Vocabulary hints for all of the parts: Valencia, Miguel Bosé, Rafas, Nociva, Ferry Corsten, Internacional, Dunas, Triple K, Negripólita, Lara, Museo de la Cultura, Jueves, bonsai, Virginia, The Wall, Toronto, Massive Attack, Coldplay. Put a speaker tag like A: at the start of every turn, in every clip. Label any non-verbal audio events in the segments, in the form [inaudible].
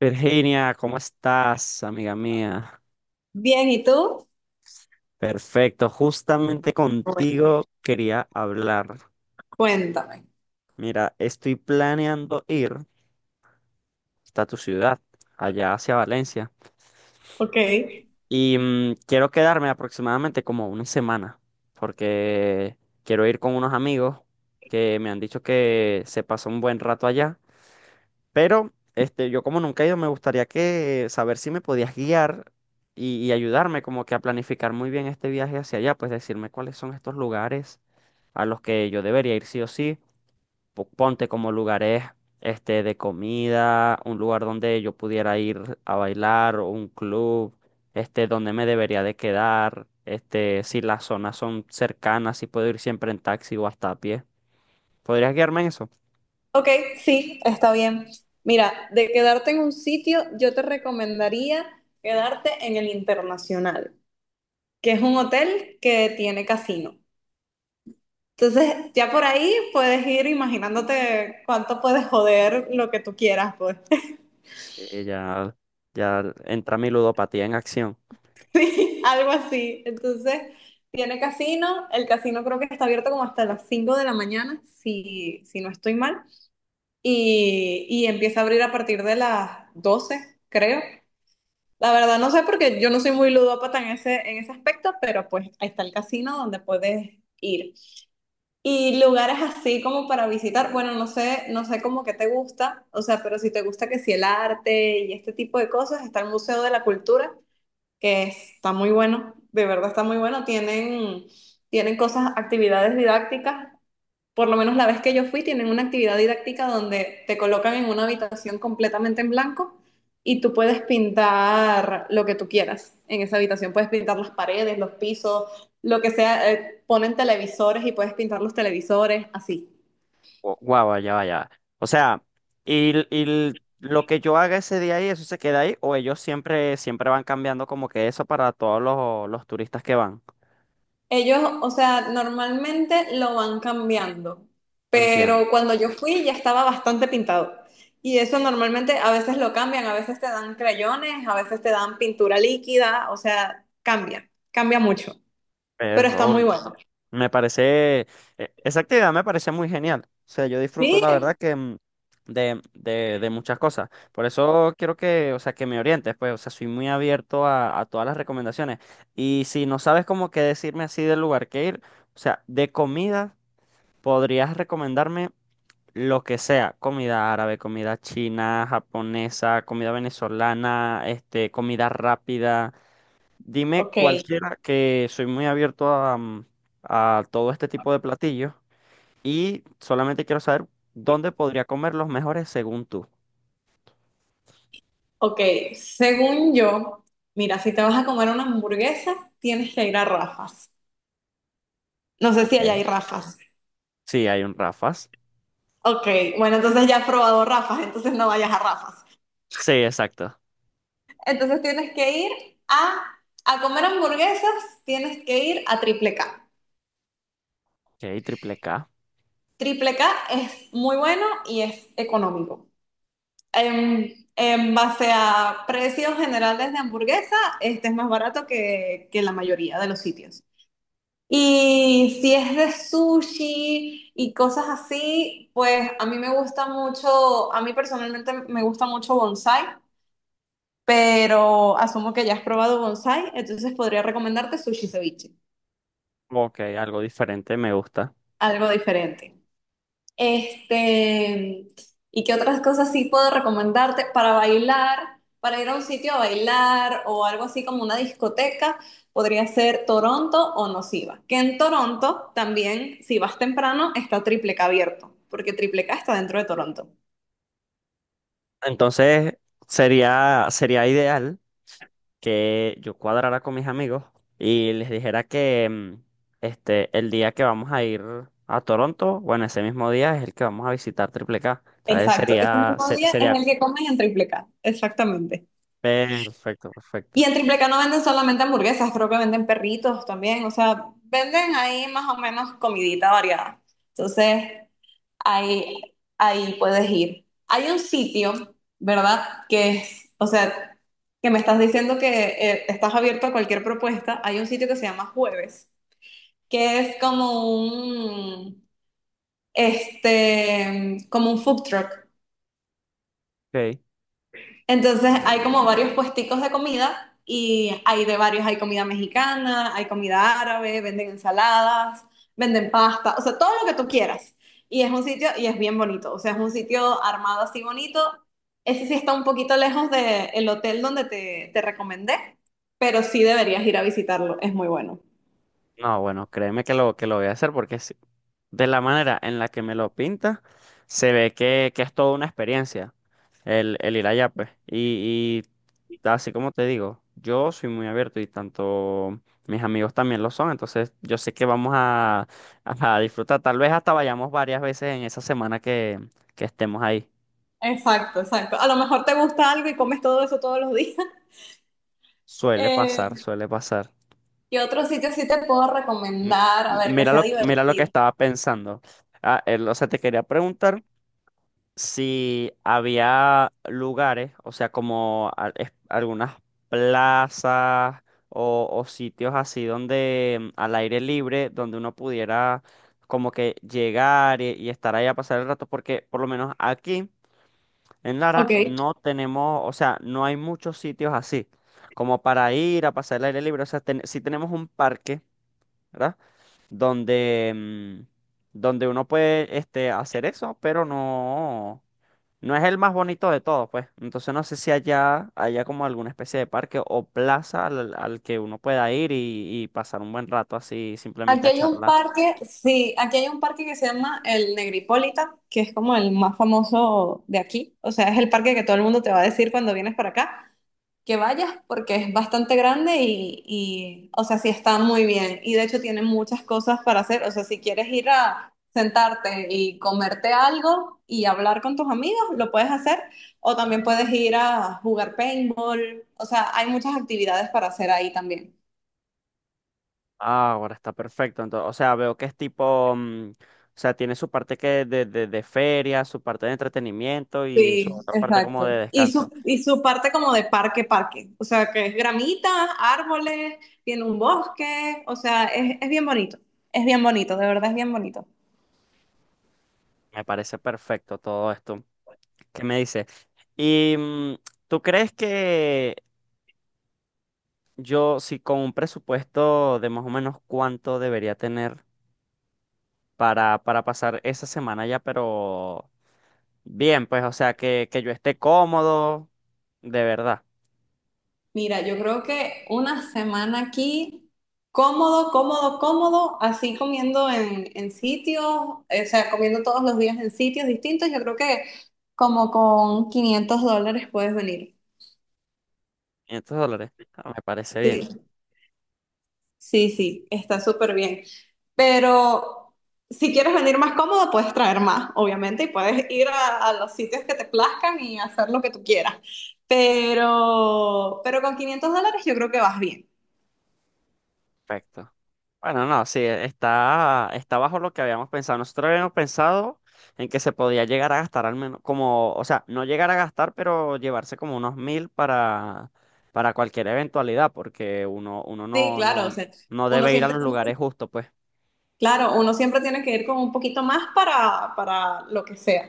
A: Virginia, ¿cómo estás, amiga mía?
B: Bien, ¿y tú?
A: Perfecto, justamente
B: Bueno,
A: contigo quería hablar.
B: cuéntame.
A: Mira, estoy planeando ir hasta tu ciudad, allá hacia Valencia,
B: Ok,
A: y quiero quedarme aproximadamente como una semana, porque quiero ir con unos amigos que me han dicho que se pasó un buen rato allá. Pero este, yo como nunca he ido, me gustaría que saber si me podías guiar y ayudarme como que a planificar muy bien este viaje hacia allá, pues decirme cuáles son estos lugares a los que yo debería ir sí o sí. Ponte como lugares este, de comida, un lugar donde yo pudiera ir a bailar, o un club, este, donde me debería de quedar, este, si las zonas son cercanas, si puedo ir siempre en taxi o hasta a pie. ¿Podrías guiarme en eso?
B: ok, sí, está bien. Mira, de quedarte en un sitio, yo te recomendaría quedarte en el Internacional, que es un hotel que tiene casino. Entonces, ya por ahí puedes ir imaginándote cuánto puedes joder lo que tú quieras, pues.
A: Ya, ya entra mi ludopatía en acción.
B: [laughs] Algo así. Entonces, tiene casino. El casino creo que está abierto como hasta las 5 de la mañana, si no estoy mal. Y empieza a abrir a partir de las 12, creo. La verdad no sé porque yo no soy muy ludópata en ese aspecto, pero pues ahí está el casino donde puedes ir. Y lugares así como para visitar, bueno, no sé, no sé cómo que te gusta, o sea, pero si te gusta que si el arte y este tipo de cosas, está el Museo de la Cultura, que está muy bueno, de verdad está muy bueno, tienen, tienen cosas, actividades didácticas. Por lo menos la vez que yo fui, tienen una actividad didáctica donde te colocan en una habitación completamente en blanco y tú puedes pintar lo que tú quieras en esa habitación. Puedes pintar las paredes, los pisos, lo que sea. Ponen televisores y puedes pintar los televisores, así.
A: Guau, ya vaya. O sea, y lo que yo haga ese día ahí, ¿eso se queda ahí? ¿O ellos siempre van cambiando como que eso para todos los turistas que van?
B: Ellos, o sea, normalmente lo van cambiando,
A: Entiendo.
B: pero cuando yo fui ya estaba bastante pintado. Y eso normalmente a veces lo cambian, a veces te dan crayones, a veces te dan pintura líquida, o sea, cambia, cambia mucho. Pero está
A: Pero
B: muy bueno.
A: me parece, esa actividad me parece muy genial. O sea, yo disfruto
B: Sí,
A: la verdad que de muchas cosas. Por eso quiero que, o sea, que me orientes, pues, o sea, soy muy abierto a todas las recomendaciones. Y si no sabes como qué decirme así del lugar que ir, o sea, de comida. ¿Podrías recomendarme? Lo que sea, comida árabe, comida china, japonesa, comida venezolana, este, comida rápida. Dime
B: ok,
A: cualquiera que soy muy abierto a, a todo este tipo de platillos y solamente quiero saber dónde podría comer los mejores según tú.
B: ok. Según yo, mira, si te vas a comer una hamburguesa, tienes que ir a Rafas. No sé si allá hay
A: Ok.
B: Rafas.
A: Sí, hay un Rafas.
B: Ok, bueno, entonces ya has probado Rafas, entonces no vayas a Rafas.
A: Sí, exacto.
B: Entonces tienes que ir a, a comer hamburguesas, tienes que ir a Triple K.
A: Ok, triple K.
B: Triple K es muy bueno y es económico. En base a precios generales de hamburguesa, este es más barato que la mayoría de los sitios. Y si es de sushi y cosas así, pues a mí me gusta mucho, a mí personalmente me gusta mucho bonsai, pero asumo que ya has probado bonsai, entonces podría recomendarte sushi ceviche,
A: Ok, algo diferente, me gusta.
B: algo diferente. Este, ¿y qué otras cosas sí puedo recomendarte para bailar, para ir a un sitio a bailar o algo así como una discoteca? Podría ser Toronto o Nociva, que en Toronto también, si vas temprano, está Triple K abierto, porque Triple K está dentro de Toronto.
A: Entonces, sería ideal, que yo cuadrara con mis amigos y les dijera que este, el día que vamos a ir a Toronto, bueno, ese mismo día es el que vamos a visitar Triple K. Entonces
B: Exacto, ese mismo día
A: sería
B: es el que comen en Triple K, exactamente.
A: perfecto,
B: Y
A: perfecto.
B: en Triple K no venden solamente hamburguesas, creo que venden perritos también, o sea, venden ahí más o menos comidita variada. Entonces, ahí, ahí puedes ir. Hay un sitio, ¿verdad? Que es, o sea, que me estás diciendo que estás abierto a cualquier propuesta. Hay un sitio que se llama Jueves, que es como un, este, como un food truck.
A: Ok.
B: Entonces hay como varios puesticos de comida y hay de varios, hay comida mexicana, hay comida árabe, venden ensaladas, venden pasta, o sea, todo lo que tú quieras. Y es un sitio, y es bien bonito, o sea, es un sitio armado así bonito. Ese sí está un poquito lejos del hotel donde te recomendé, pero sí deberías ir a visitarlo, es muy bueno.
A: No, bueno, créeme que que lo voy a hacer porque sí, de la manera en la que me lo pinta, se ve que es toda una experiencia el ir allá, pues. Y así como te digo, yo soy muy abierto y tanto mis amigos también lo son, entonces yo sé que vamos a disfrutar. Tal vez hasta vayamos varias veces en esa semana que estemos ahí.
B: Exacto, exacto. A lo mejor te gusta algo y comes todo eso todos los días. [laughs]
A: Suele pasar,
B: Eh,
A: suele pasar.
B: ¿qué otro sitio sí te puedo
A: M-
B: recomendar? A ver, que sea
A: Mira lo que
B: divertido.
A: estaba pensando. Ah, o sea, te quería preguntar si había lugares, o sea, algunas plazas o sitios así donde al aire libre, donde uno pudiera como que llegar y estar ahí a pasar el rato, porque por lo menos aquí en Lara
B: Ok.
A: no tenemos, o sea, no hay muchos sitios así, como para ir a pasar el aire libre, o sea, sí tenemos un parque, ¿verdad? Donde, donde uno puede este, hacer eso, pero no. No es el más bonito de todos, pues. Entonces no sé si allá haya como alguna especie de parque o plaza al que uno pueda ir y pasar un buen rato así, simplemente
B: Aquí
A: a
B: hay un
A: charlar.
B: parque, sí, aquí hay un parque que se llama el Negripólita, que es como el más famoso de aquí. O sea, es el parque que todo el mundo te va a decir cuando vienes para acá que vayas porque es bastante grande y, o sea, sí está muy bien. Y de hecho tiene muchas cosas para hacer. O sea, si quieres ir a sentarte y comerte algo y hablar con tus amigos, lo puedes hacer. O también puedes ir a jugar paintball. O sea, hay muchas actividades para hacer ahí también.
A: Ah, ahora está perfecto. Entonces, o sea, veo que es tipo, o sea, tiene su parte de feria, su parte de entretenimiento y su
B: Sí,
A: otra parte como de
B: exacto. Y
A: descanso.
B: su, y su parte como de parque, parque. O sea, que es gramita, árboles, tiene un bosque. O sea, es bien bonito. Es bien bonito, de verdad es bien bonito.
A: Me parece perfecto todo esto. ¿Qué me dices? ¿Y tú crees que yo, si con un presupuesto de más o menos cuánto debería tener? Para pasar esa semana ya, pero bien, pues, o sea, que yo esté cómodo, de verdad.
B: Mira, yo creo que una semana aquí, cómodo, cómodo, cómodo, así comiendo en sitios, o sea, comiendo todos los días en sitios distintos, yo creo que como con $500 puedes venir.
A: $500, ah, me parece bien,
B: Sí. Sí, sí, está súper bien. Pero si quieres venir más cómodo, puedes traer más, obviamente, y puedes ir a los sitios que te plazcan y hacer lo que tú quieras. Pero con $500 yo creo que vas bien.
A: perfecto. Bueno, no, sí, e, está, está bajo lo que habíamos pensado. Nosotros habíamos pensado en que se podía llegar a gastar al menos, como, o sea, no llegar a gastar, pero llevarse como unos mil para cualquier eventualidad, porque uno
B: Sí,
A: no,
B: claro, o
A: no,
B: sea,
A: no
B: uno
A: debe ir a
B: siempre,
A: los lugares justos, pues.
B: claro, uno siempre tiene que ir con un poquito más para lo que sea.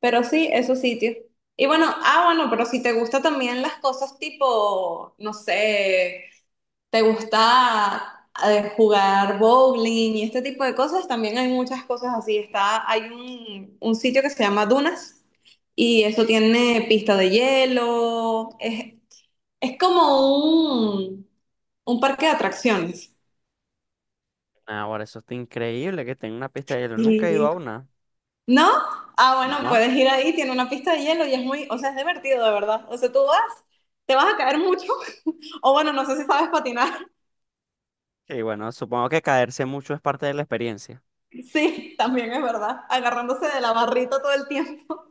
B: Pero sí, esos sitios. Y bueno, ah, bueno, pero si te gusta también las cosas tipo, no sé. ¿Te gusta jugar bowling y este tipo de cosas? También hay muchas cosas así. Está, hay un sitio que se llama Dunas y eso tiene pista de hielo. Es como un parque de atracciones.
A: Ahora, eso está increíble que tenga una pista de hielo. Nunca he ido
B: Sí.
A: a una.
B: ¿No? Ah, bueno,
A: ¿No?
B: puedes ir ahí, tiene una pista de hielo y es muy, o sea, es divertido, de verdad. O sea, tú vas, te vas a caer mucho. [laughs] O bueno, no sé si sabes patinar. [laughs]
A: Y bueno, supongo que caerse mucho es parte de la experiencia.
B: Sí, también es verdad. Agarrándose de la barrita todo el tiempo.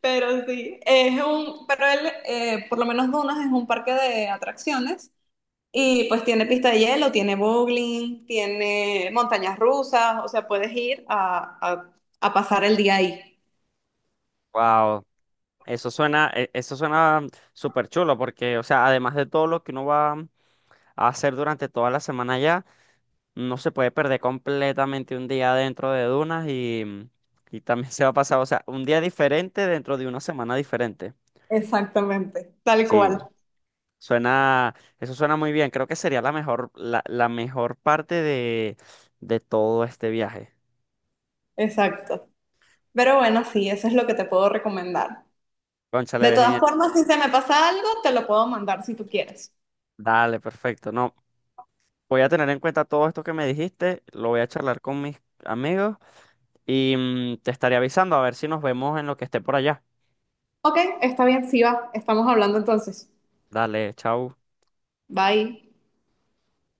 B: Pero sí, es un, pero él, por lo menos Dunas es un parque de atracciones y pues tiene pista de hielo, tiene bowling, tiene montañas rusas, o sea, puedes ir a pasar el día ahí.
A: Wow, eso suena, eso suena súper chulo porque, o sea, además de todo lo que uno va a hacer durante toda la semana ya, no se puede perder completamente un día dentro de dunas y y también [laughs] se va a pasar, o sea, un día diferente dentro de una semana diferente.
B: Exactamente, tal
A: Sí,
B: cual,
A: suena, eso suena muy bien. Creo que sería la mejor, la mejor parte de todo este viaje.
B: exacto. Pero bueno, sí, eso es lo que te puedo recomendar.
A: Cónchale,
B: De todas
A: Virginia.
B: formas, si se me pasa algo, te lo puedo mandar si tú quieres.
A: Dale, perfecto. No, voy a tener en cuenta todo esto que me dijiste, lo voy a charlar con mis amigos y te estaré avisando a ver si nos vemos en lo que esté por allá.
B: Ok, está bien, sí va, estamos hablando entonces.
A: Dale, chao.
B: Bye.